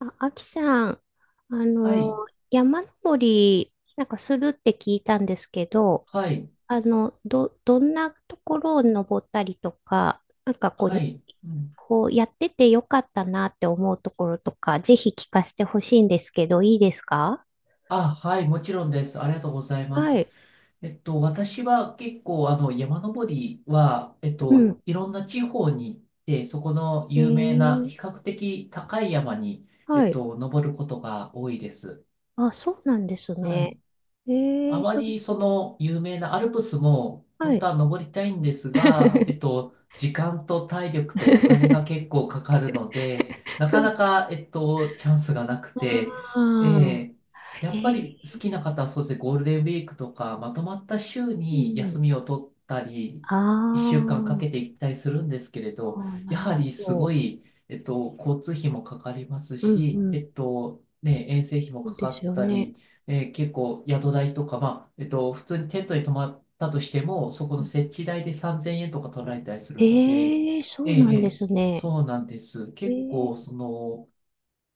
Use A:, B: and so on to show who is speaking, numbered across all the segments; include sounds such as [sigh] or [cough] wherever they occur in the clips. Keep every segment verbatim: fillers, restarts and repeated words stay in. A: あ、あきさん、あ
B: はい、
A: の、山登り、なんかするって聞いたんですけど、
B: はい、
A: あの、ど、どんなところを登ったりとか、なんかこ
B: は
A: う、
B: い。うん、
A: こうやっててよかったなって思うところとか、ぜひ聞かせてほしいんですけど、いいですか？
B: あ、はい、もちろんです。ありがとうございま
A: は
B: す。
A: い。
B: えっと、私は結構、あの、山登りは、えっ
A: う
B: と、
A: ん。
B: いろんな地方に行って、そこの
A: え
B: 有名な、
A: ー、
B: 比較的高い山に、え
A: は
B: っ
A: い。
B: と、登ることが多いです。
A: あ、そうなんです
B: は
A: ね。
B: い。
A: え
B: あ
A: ー、
B: ま
A: そ、
B: りその有名なアルプスも
A: は
B: 本当
A: い。
B: は登りたいんですが、えっ
A: [laughs]
B: と、時間と体力とお金が結構かかるので、なかなか、えっと、チャンスがなくて、え
A: ああ、
B: え、や
A: え
B: っぱ
A: ー、
B: り好きな方はそうですね、ゴールデンウィークとかまとまった週
A: う
B: に休
A: ん。
B: みを取ったり、
A: あ
B: いっしゅうかんかんかけて
A: あ。
B: 行ったりするんですけれ
A: あ
B: ど、
A: あ、な
B: や
A: るほ
B: はりすご
A: ど、
B: い、えっと、交通費もかかります
A: う。ん
B: し、
A: う
B: え
A: ん。
B: っと、ね、遠征費も
A: そ
B: か
A: う
B: か
A: です
B: っ
A: よ
B: た
A: ね。
B: り、えー結構宿代とか、まあ、えっと、普通にテントに泊まったとしても、そこ
A: え、
B: の設置代でさんぜんえんとか取られたりするので、
A: へえ、そ
B: ええ、
A: うな
B: え
A: んで
B: え、
A: すね。
B: そうなんです。
A: え
B: 結
A: え、
B: 構、その、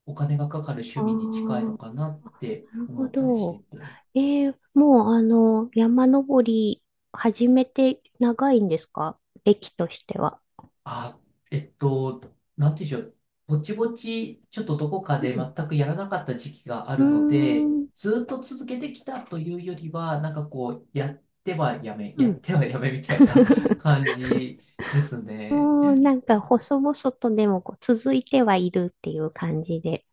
B: お金がかかる趣
A: あ
B: 味に近い
A: あ、
B: のかなって
A: なるほ
B: 思ったりして
A: ど。
B: いて。
A: ええ、もうあの、山登り始めて長いんですか、歴としては？
B: あ、えっと、なんていうんでしょう。ぼちぼち、ちょっとどこか
A: う
B: で
A: ん。
B: 全くやらなかった時期があ
A: うー
B: るので、
A: ん。
B: ずっと続けてきたというよりは、なんかこう、やってはやめ、
A: う
B: やっ
A: ん。
B: てはやめみたいな [laughs]
A: [laughs]
B: 感じですね。
A: もうなんか細々とでもこう続いてはいるっていう感じで、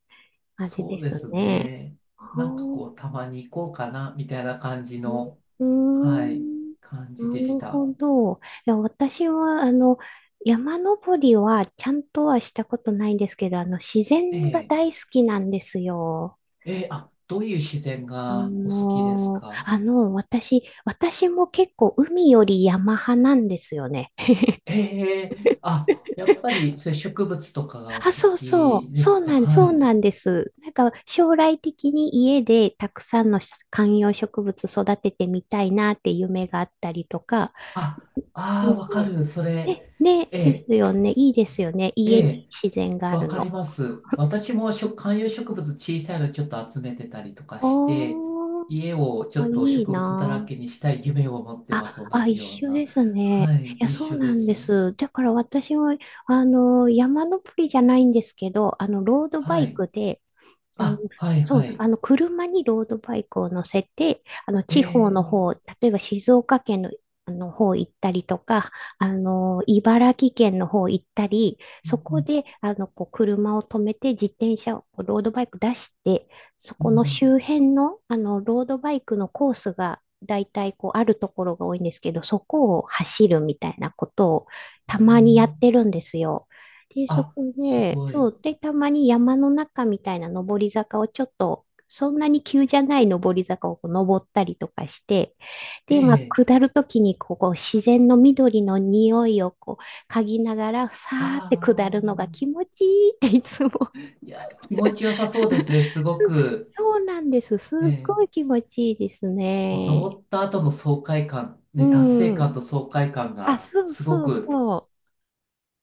A: あれ
B: そ
A: で
B: うで
A: す
B: す
A: ね。
B: ね。
A: あ
B: なんかこう、
A: あ。
B: たまに行こうかな、みたいな感じの、
A: うー
B: はい、
A: ん、
B: 感じで
A: な
B: し
A: る
B: た。
A: ほど。いや、私は、あの、山登りはちゃんとはしたことないんですけど、あの、自
B: え
A: 然が
B: え、
A: 大好きなんですよ。
B: ええ、あ、どういう自然
A: あ
B: がお好きです
A: のー、
B: か？
A: あの、私、私も結構海より山派なんですよね。
B: ええ、あ、やっぱり、そういう植物とかがお
A: あ、
B: 好
A: そうそう、
B: きで
A: そ
B: す
A: う
B: か？
A: なん、
B: は
A: そう
B: い。
A: なんです。なんか将来的に家でたくさんの観葉植物育ててみたいなって夢があったりとか、
B: あ、ああ、わかる。それ、
A: ね、ね、
B: え
A: で
B: え、
A: すよね。いいですよね。
B: え
A: 家に
B: え、
A: 自然があ
B: わ
A: る
B: かり
A: の。
B: ます。私もしょ観葉植物小さいのちょっと集めてたりとかして、
A: おー、
B: 家をち
A: あ、
B: ょ
A: い
B: っと
A: い
B: 植物だら
A: な
B: けにしたい夢を持って
A: あ。
B: ます。同
A: あ、あ、
B: じ
A: 一
B: よう
A: 緒
B: な。
A: ですね。
B: はい、
A: いや、
B: 一
A: そう
B: 緒で
A: なんで
B: す。
A: す。だから私は、あの、山登りじゃないんですけど、あの、ロードバ
B: は
A: イ
B: い。
A: クで、あの、
B: あ、はい、
A: そ
B: は
A: う、
B: い。
A: あの、車にロードバイクを乗せて、あの、
B: え
A: 地方の
B: え、
A: 方、例えば静岡県の、あの方行ったりとか、あの、茨城県の方行ったり、
B: う
A: そ
B: ん、う
A: こ
B: ん、
A: で、あの、こう、車を止めて、自転車を、こうロードバイク出して、そ
B: う
A: この
B: ん、
A: 周辺の、あの、ロードバイクのコースが、だいたい、こう、あるところが多いんですけど、そこを走るみたいなことを、
B: うん、
A: た
B: う
A: まにやっ
B: ん、
A: てるんですよ。で、そこ
B: あ、す
A: で、
B: ご
A: そ
B: い。
A: う、で、たまに山の中みたいな登り坂をちょっと、そんなに急じゃない登り坂をこう登ったりとかして、
B: え
A: で、まあ、
B: え、
A: 下るときにこう、こう自然の緑の匂いをこう、嗅ぎながら、さ
B: あ
A: ーって下るのが気
B: あ。
A: 持ちいいっていつも。
B: いや、気持ちよさそうですね、すご
A: [laughs]
B: く。
A: そうなんです。すっ
B: え
A: ごい
B: え、
A: 気持ちいいです
B: こう、
A: ね。
B: 登った後の爽快感、
A: う
B: ね、達成
A: ん。
B: 感と爽快感
A: あ、
B: が、
A: そう
B: すご
A: そう
B: く、
A: そう。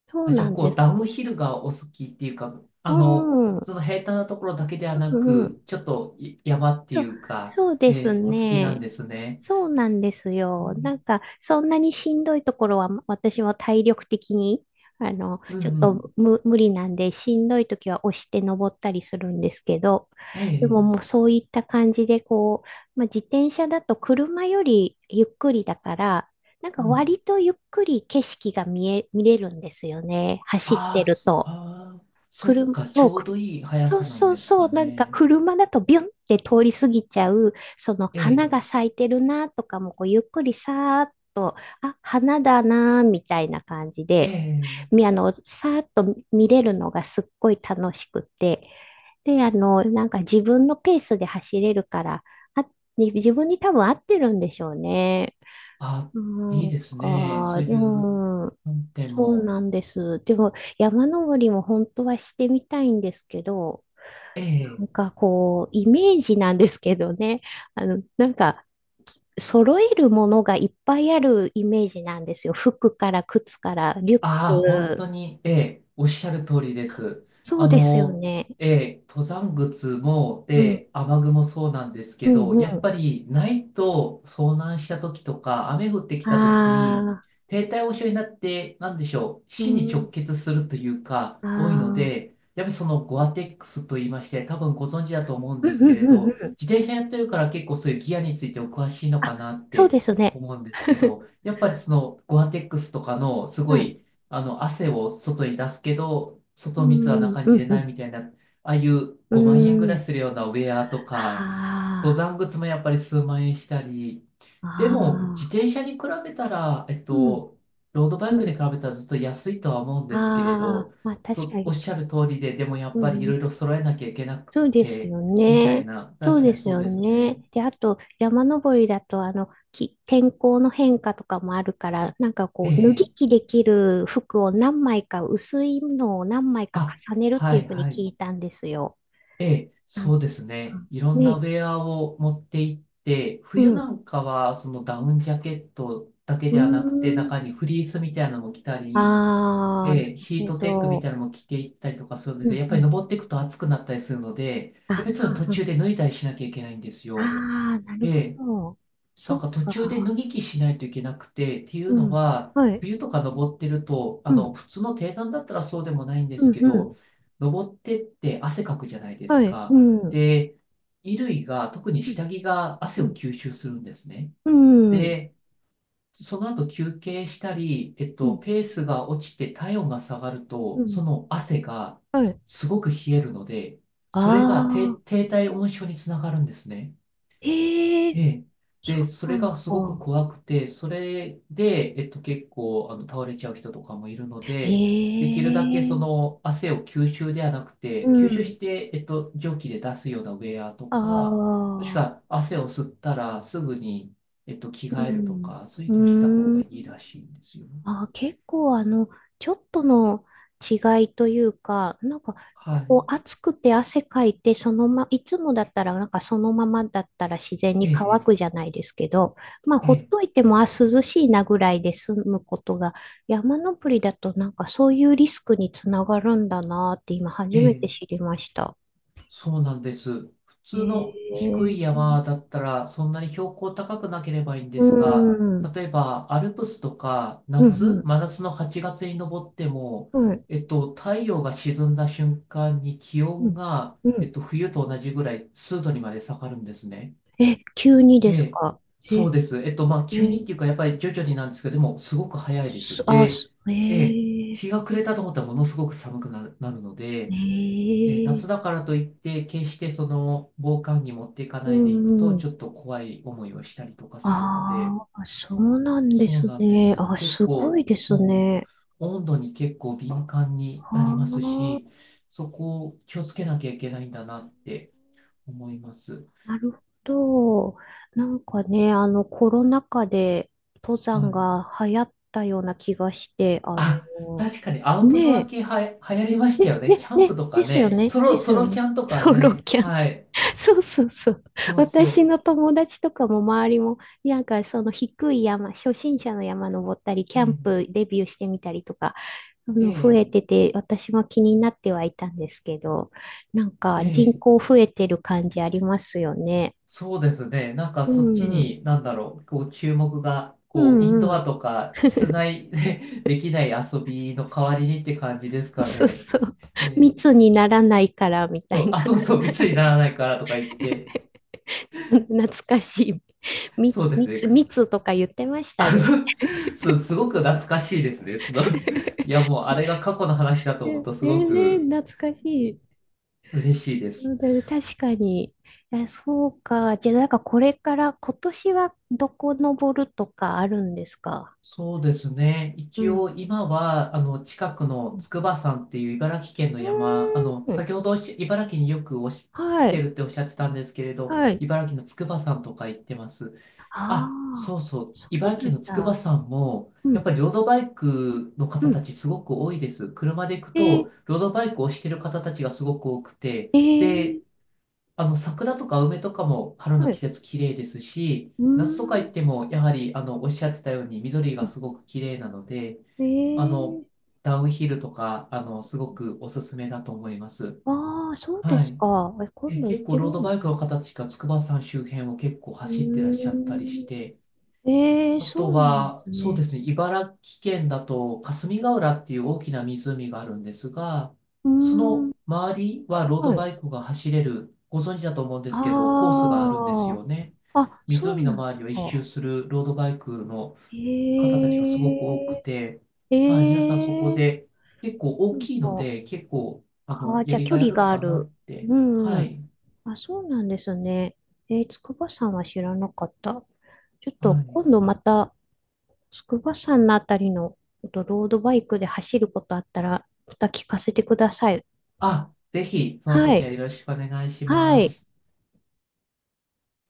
A: そう
B: あ、じゃ
A: な
B: あ、
A: ん
B: こ
A: で
B: う、ダ
A: す。
B: ウンヒルがお好きっていうか、
A: う
B: あの、
A: ん。う
B: 普
A: ん
B: 通の平坦なところだけでは
A: う
B: な
A: ん。
B: く、ちょっとい山って
A: そ
B: い
A: う、
B: うか、
A: そうです
B: ええ、お好きなん
A: ね。
B: ですね。
A: そうなんです
B: う
A: よ。な
B: ん、
A: んか、そんなにしんどいところは、私は体力的に、あの、
B: うん、
A: ちょっ
B: うん、
A: と無、無理なんで、しんどい時は押して登ったりするんですけど、
B: え
A: でも
B: え、ええ、
A: もうそういった感じで、こう、まあ、自転車だと車よりゆっくりだから、なんか
B: うん。
A: 割とゆっくり景色が見え、見れるんですよね。走っ
B: あ
A: て
B: あ、
A: る
B: そ、
A: と。
B: ああ、そっ
A: 車、
B: か、ち
A: そう、
B: ょう
A: く
B: どいい速
A: そう
B: さなん
A: そう
B: です
A: そ
B: か
A: う、なんか
B: ね。
A: 車だとビュンって通り過ぎちゃう、その
B: え
A: 花が
B: え、
A: 咲いてるなとかも、こうゆっくりさーっと、あ、花だなーみたいな感じ
B: え
A: で、
B: え、
A: み、あの、さーっと見れるのがすっごい楽しくて、で、あの、なんか自分のペースで走れるから、あ、自分に多分合ってるんでしょうね。
B: あ、
A: う
B: いい
A: ん
B: です
A: か、
B: ね。そういう、
A: うん。
B: 本店
A: そう
B: も、
A: なんです。でも山登りも本当はしてみたいんですけど、な
B: え
A: ん
B: え、
A: かこう、イメージなんですけどね、あの、なんか、揃えるものがいっぱいあるイメージなんですよ。服から靴からリュッ
B: ああ、本
A: ク。
B: 当に、ええ、おっしゃる通りです。
A: そう
B: あ
A: ですよ
B: の、
A: ね。
B: ええ、登山靴も、え
A: うん、
B: え、雨具もそうなんです
A: う
B: け
A: ん、
B: ど、やっ
A: う
B: ぱりないと遭難した時とか、雨降ってき
A: ん。
B: た時
A: あ
B: に、
A: あ、
B: 低体温症になって、なんでしょう、
A: う
B: 死に
A: ん、
B: 直結するというか、
A: あ
B: 多いの
A: あ、
B: で、やっぱりそのゴアテックスと言いまして、多分ご存知だと思うんで
A: うん、
B: すけ
A: うん、
B: れ
A: うん、う
B: ど、
A: ん。
B: 自転車やってるから結構そういうギアについてお詳しいの
A: あ、
B: かなっ
A: そう
B: て
A: ですね。
B: 思うんですけど、
A: [laughs]
B: やっぱりそのゴアテックスとかのす
A: う
B: ご
A: ん、
B: いあの、汗を外に出すけど、
A: う
B: 外水は
A: ん、
B: 中に
A: う
B: 入
A: ん、
B: れ
A: う
B: ない
A: ん。
B: みたいな、ああいう
A: う
B: ごまん円ぐらい
A: ん。
B: するようなウェアとか、登
A: あ
B: 山靴もやっぱり数万円したり、
A: あ、
B: でも、自
A: ああ。
B: 転車に比べたら、えっ
A: うん、
B: と、ロードバイ
A: う
B: クに比
A: ん。
B: べたらずっと安いとは思うん
A: あ
B: ですけれ
A: あ、
B: ど、
A: まあ
B: そ
A: 確か
B: う、おっ
A: に。
B: しゃる通りで、でもや
A: う
B: っぱりい
A: ん、う
B: ろい
A: ん、
B: ろ揃えなきゃいけなく
A: そうです
B: て、
A: よ
B: みたい
A: ね。
B: な、
A: そう
B: 確か
A: で
B: に
A: す
B: そう
A: よ
B: です
A: ね。
B: ね。
A: で、あと、山登りだと、あの、き、天候の変化とかもあるから、なんかこう、脱
B: え
A: ぎ
B: え、
A: 着できる服を何枚か、薄いのを何枚か
B: あ、
A: 重ねるって
B: は
A: いう
B: い、
A: ふうに
B: は
A: 聞
B: い。
A: いたんですよ。
B: ええ、
A: なん
B: そ
A: か、
B: うですね。いろんなウ
A: ね。
B: ェアを持って行って、
A: う
B: 冬な
A: ん。
B: んかはそのダウンジャケットだけ
A: う
B: ではなくて、
A: ーん。
B: 中にフリースみたいなのも着たり、
A: ああ、なる
B: ええ、ヒー
A: ほ
B: トテックみた
A: ど。
B: いなのも着ていったりとかするんです
A: う
B: けど、
A: ん
B: やっ
A: う
B: ぱり
A: ん。
B: 登っていくと暑くなったりするので、やっぱ
A: あ、
B: りその途
A: うんう
B: 中
A: ん。
B: で脱いだりしなきゃいけないんです
A: あ
B: よ。
A: あ、なる
B: え
A: ほ
B: え、
A: ど。そ
B: なん
A: っ
B: か途中で脱
A: か。
B: ぎ着しないといけなくて、っていう
A: う
B: の
A: ん。
B: は、
A: はい。
B: 冬とか登ってると、あ
A: う
B: の、
A: ん。
B: 普通の低山だったらそうでもないんで
A: う
B: す
A: ん。
B: け
A: う
B: ど、
A: ん。
B: 登ってって汗かくじゃないで
A: は
B: す
A: い。う
B: か。
A: ん。うん。
B: で、衣類が、特に下着が汗を吸収するんですね。
A: うん。うん。
B: で、その後休憩したり、えっ
A: う
B: と、
A: ん。
B: ペースが落ちて体温が下がる
A: う
B: と、そ
A: ん。
B: の汗が
A: はい。
B: すごく冷えるので、それが低、
A: ああ。
B: 低体温症につながるんですね。
A: え
B: え
A: え、
B: え。
A: そ
B: で、そ
A: うな
B: れ
A: ん
B: がすごく
A: だ。
B: 怖くて、それで、えっと、結構、あの、倒れちゃう人とかもいるので、できるだけそ
A: ええ。
B: の汗を吸収ではなく
A: う
B: て、吸収
A: ん。
B: して、えっと、蒸気で出すようなウェアと
A: あ
B: か、もしく
A: あ。
B: は汗を吸ったらすぐに、えっと、着
A: う
B: 替えると
A: ん。
B: か、そうい
A: う
B: うのをした方
A: ーん。
B: がいいらしいんですよ。
A: あー、結構あの、ちょっとの違いというか、なんか、
B: は
A: こう暑くて汗かいて、そのま、いつもだったら、なんかそのままだったら自然
B: い。
A: に
B: え
A: 乾
B: え、
A: くじゃないですけど、まあ、
B: え
A: ほっ
B: え、
A: といても、あ、涼しいなぐらいで済むことが、山登りだとなんかそういうリスクにつながるんだなって今初
B: ええ。
A: めて知
B: ええ、
A: りました。
B: そうなんです。普
A: へ
B: 通の低い
A: え。
B: 山だったらそんなに標高高くなければいいんで
A: う
B: すが、
A: ん、
B: 例えばアルプスとか
A: う
B: 夏、
A: ん、
B: 真夏のはちがつに登っても、
A: うん、はい。
B: えっと、太陽が沈んだ瞬間に気
A: う
B: 温
A: ん、
B: が、
A: う
B: えっ
A: ん。
B: と、冬と同じぐらい数度にまで下がるんですね。
A: え、急に
B: え
A: です
B: え、
A: か？
B: そう
A: え、
B: です。えっと、まあ、急にっ
A: え、
B: ていうか、やっぱり徐々になんですけど、でも、すごく早いで
A: す
B: す。
A: あ、
B: で、
A: す
B: ええ、
A: ええ
B: 日が暮れたと思ったらものすごく寒くなる、なるの
A: え
B: で、え、夏だ
A: え
B: からといって、決してその防寒着持っていか
A: う
B: ないでいく
A: んう
B: と、ち
A: ん。
B: ょっと怖い思いをしたりとかするので、
A: ああ、そうなんで
B: そう
A: す
B: なんで
A: ね。
B: す。
A: あ、
B: 結
A: すごい
B: 構、
A: です
B: そう、
A: ね。
B: 温度に結構敏感になり
A: あ
B: ます
A: あ、
B: し、そこを気をつけなきゃいけないんだなって思います。
A: なるほど。なんかね、あの、コロナ禍で登
B: は
A: 山が
B: い。
A: 流行ったような気がして、あ
B: あ、
A: の、
B: 確かにアウトドア
A: ね
B: 系はや、流行りまし
A: え、
B: たよ
A: ね、
B: ね。キ
A: ね、
B: ャンプ
A: ね、
B: と
A: で
B: か
A: すよ
B: ね、
A: ね、
B: ソロ、
A: です
B: ソ
A: よ
B: ロ
A: ね。
B: キャン
A: [laughs]
B: とか
A: ソロ
B: ね。
A: キャン
B: はい。
A: [laughs] そうそうそう。
B: そう
A: 私
B: そ
A: の友達とかも周りも、なんかその低い山、初心者の山登ったり、キ
B: う。え
A: ャン
B: え、
A: プデビューしてみたりとか、あの増え
B: え
A: てて、私も気になってはいたんですけど、なんか人
B: え、ええ、
A: 口増えてる感じありますよね。
B: そうですね。なんか
A: う
B: そっち
A: ん、
B: に、なんだろう、こう注目が、
A: う
B: こうイン
A: ん
B: ド
A: う
B: ア
A: ん。
B: とか室内で [laughs] できない遊びの代わりにって感じですか
A: そう
B: ね。
A: そう。
B: えー
A: 密にならないからみた
B: そ
A: い
B: う、
A: な。
B: あ、そうそう、密にならないからとか言って、
A: ちょっと懐かしい。み
B: そうですね。
A: 密、
B: く
A: 密とか言ってました
B: あ、
A: ね。
B: そう、そう、すごく懐かしいですね。その、いやもうあれが過去の話だと思う
A: え、
B: とすご
A: えね、
B: く
A: 懐かしい。
B: 嬉しいで
A: な
B: す。
A: ので確かに。いやそうか。じゃあ、なんかこれから今年はどこ登るとかあるんですか？
B: そうですね。
A: う
B: 一
A: ん。
B: 応今は、あの、近くの筑波山っていう茨城県の
A: う
B: 山、あの、
A: ーん。
B: 先ほどおし茨城によくおし来
A: は
B: て
A: い。
B: るっておっしゃってたんですけれど、
A: はい。
B: 茨城の筑波山とか行ってます。
A: あ
B: あ、
A: あ、
B: そうそう。
A: そ
B: 茨
A: うな
B: 城の
A: ん
B: 筑波
A: だ。
B: 山も、
A: う
B: やっ
A: ん。
B: ぱりロードバイクの
A: う
B: 方た
A: ん。
B: ちすごく多いです。車で行く
A: えー、
B: と、ロードバイクをしてる方たちがすごく多くて、
A: え
B: で、
A: ー、
B: あの、桜とか梅とかも春
A: は
B: の季
A: い。
B: 節綺麗ですし、
A: うー
B: 夏とか行っても、やはり、あの、おっしゃってたように緑
A: ん。
B: がすごく綺麗なので、
A: え
B: あの、
A: ー、
B: ダウンヒルとか、あの、すごくおすすめだと思います。
A: ああ、そうで
B: は
A: す
B: い。
A: か。え、今
B: え、
A: 度行っ
B: 結構
A: てみ
B: ロード
A: よ
B: バイクの方たちが筑波山周辺を結構
A: う。う
B: 走ってらっしゃ
A: ー
B: ったりして、
A: ん。えー、
B: あ
A: そ
B: と
A: うなんで
B: は、
A: す
B: そうで
A: ね。
B: すね、茨城県だと霞ヶ浦っていう大きな湖があるんですが、
A: うー
B: そ
A: ん。
B: の周りはロード
A: は
B: バ
A: い。
B: イクが走れる、ご存知だと思うんですけど、コースがあるんです
A: あ
B: よね。
A: あ。あ、そう
B: 湖の
A: なんだ。
B: 周りを一周するロードバイクの方
A: え
B: たちがすごく多くて、はい、皆さん
A: ええ
B: そこ
A: え、
B: で結構大
A: なん
B: きいの
A: か、
B: で、結構、あ
A: あ
B: の、
A: あ、
B: や
A: じゃあ
B: り
A: 距
B: がいあ
A: 離
B: るの
A: があ
B: かなっ
A: る。
B: て。
A: うん、
B: は
A: うん。
B: い。
A: あ、そうなんですね。えー、筑波山は知らなかった。ちょっ
B: は
A: と
B: い。
A: 今度また筑波山のあたりのちょっとロードバイクで走ることあったら、また聞かせてください。
B: あ、ぜひ、その
A: は
B: 時は
A: い。
B: よろしくお願いし
A: は
B: ま
A: い。
B: す。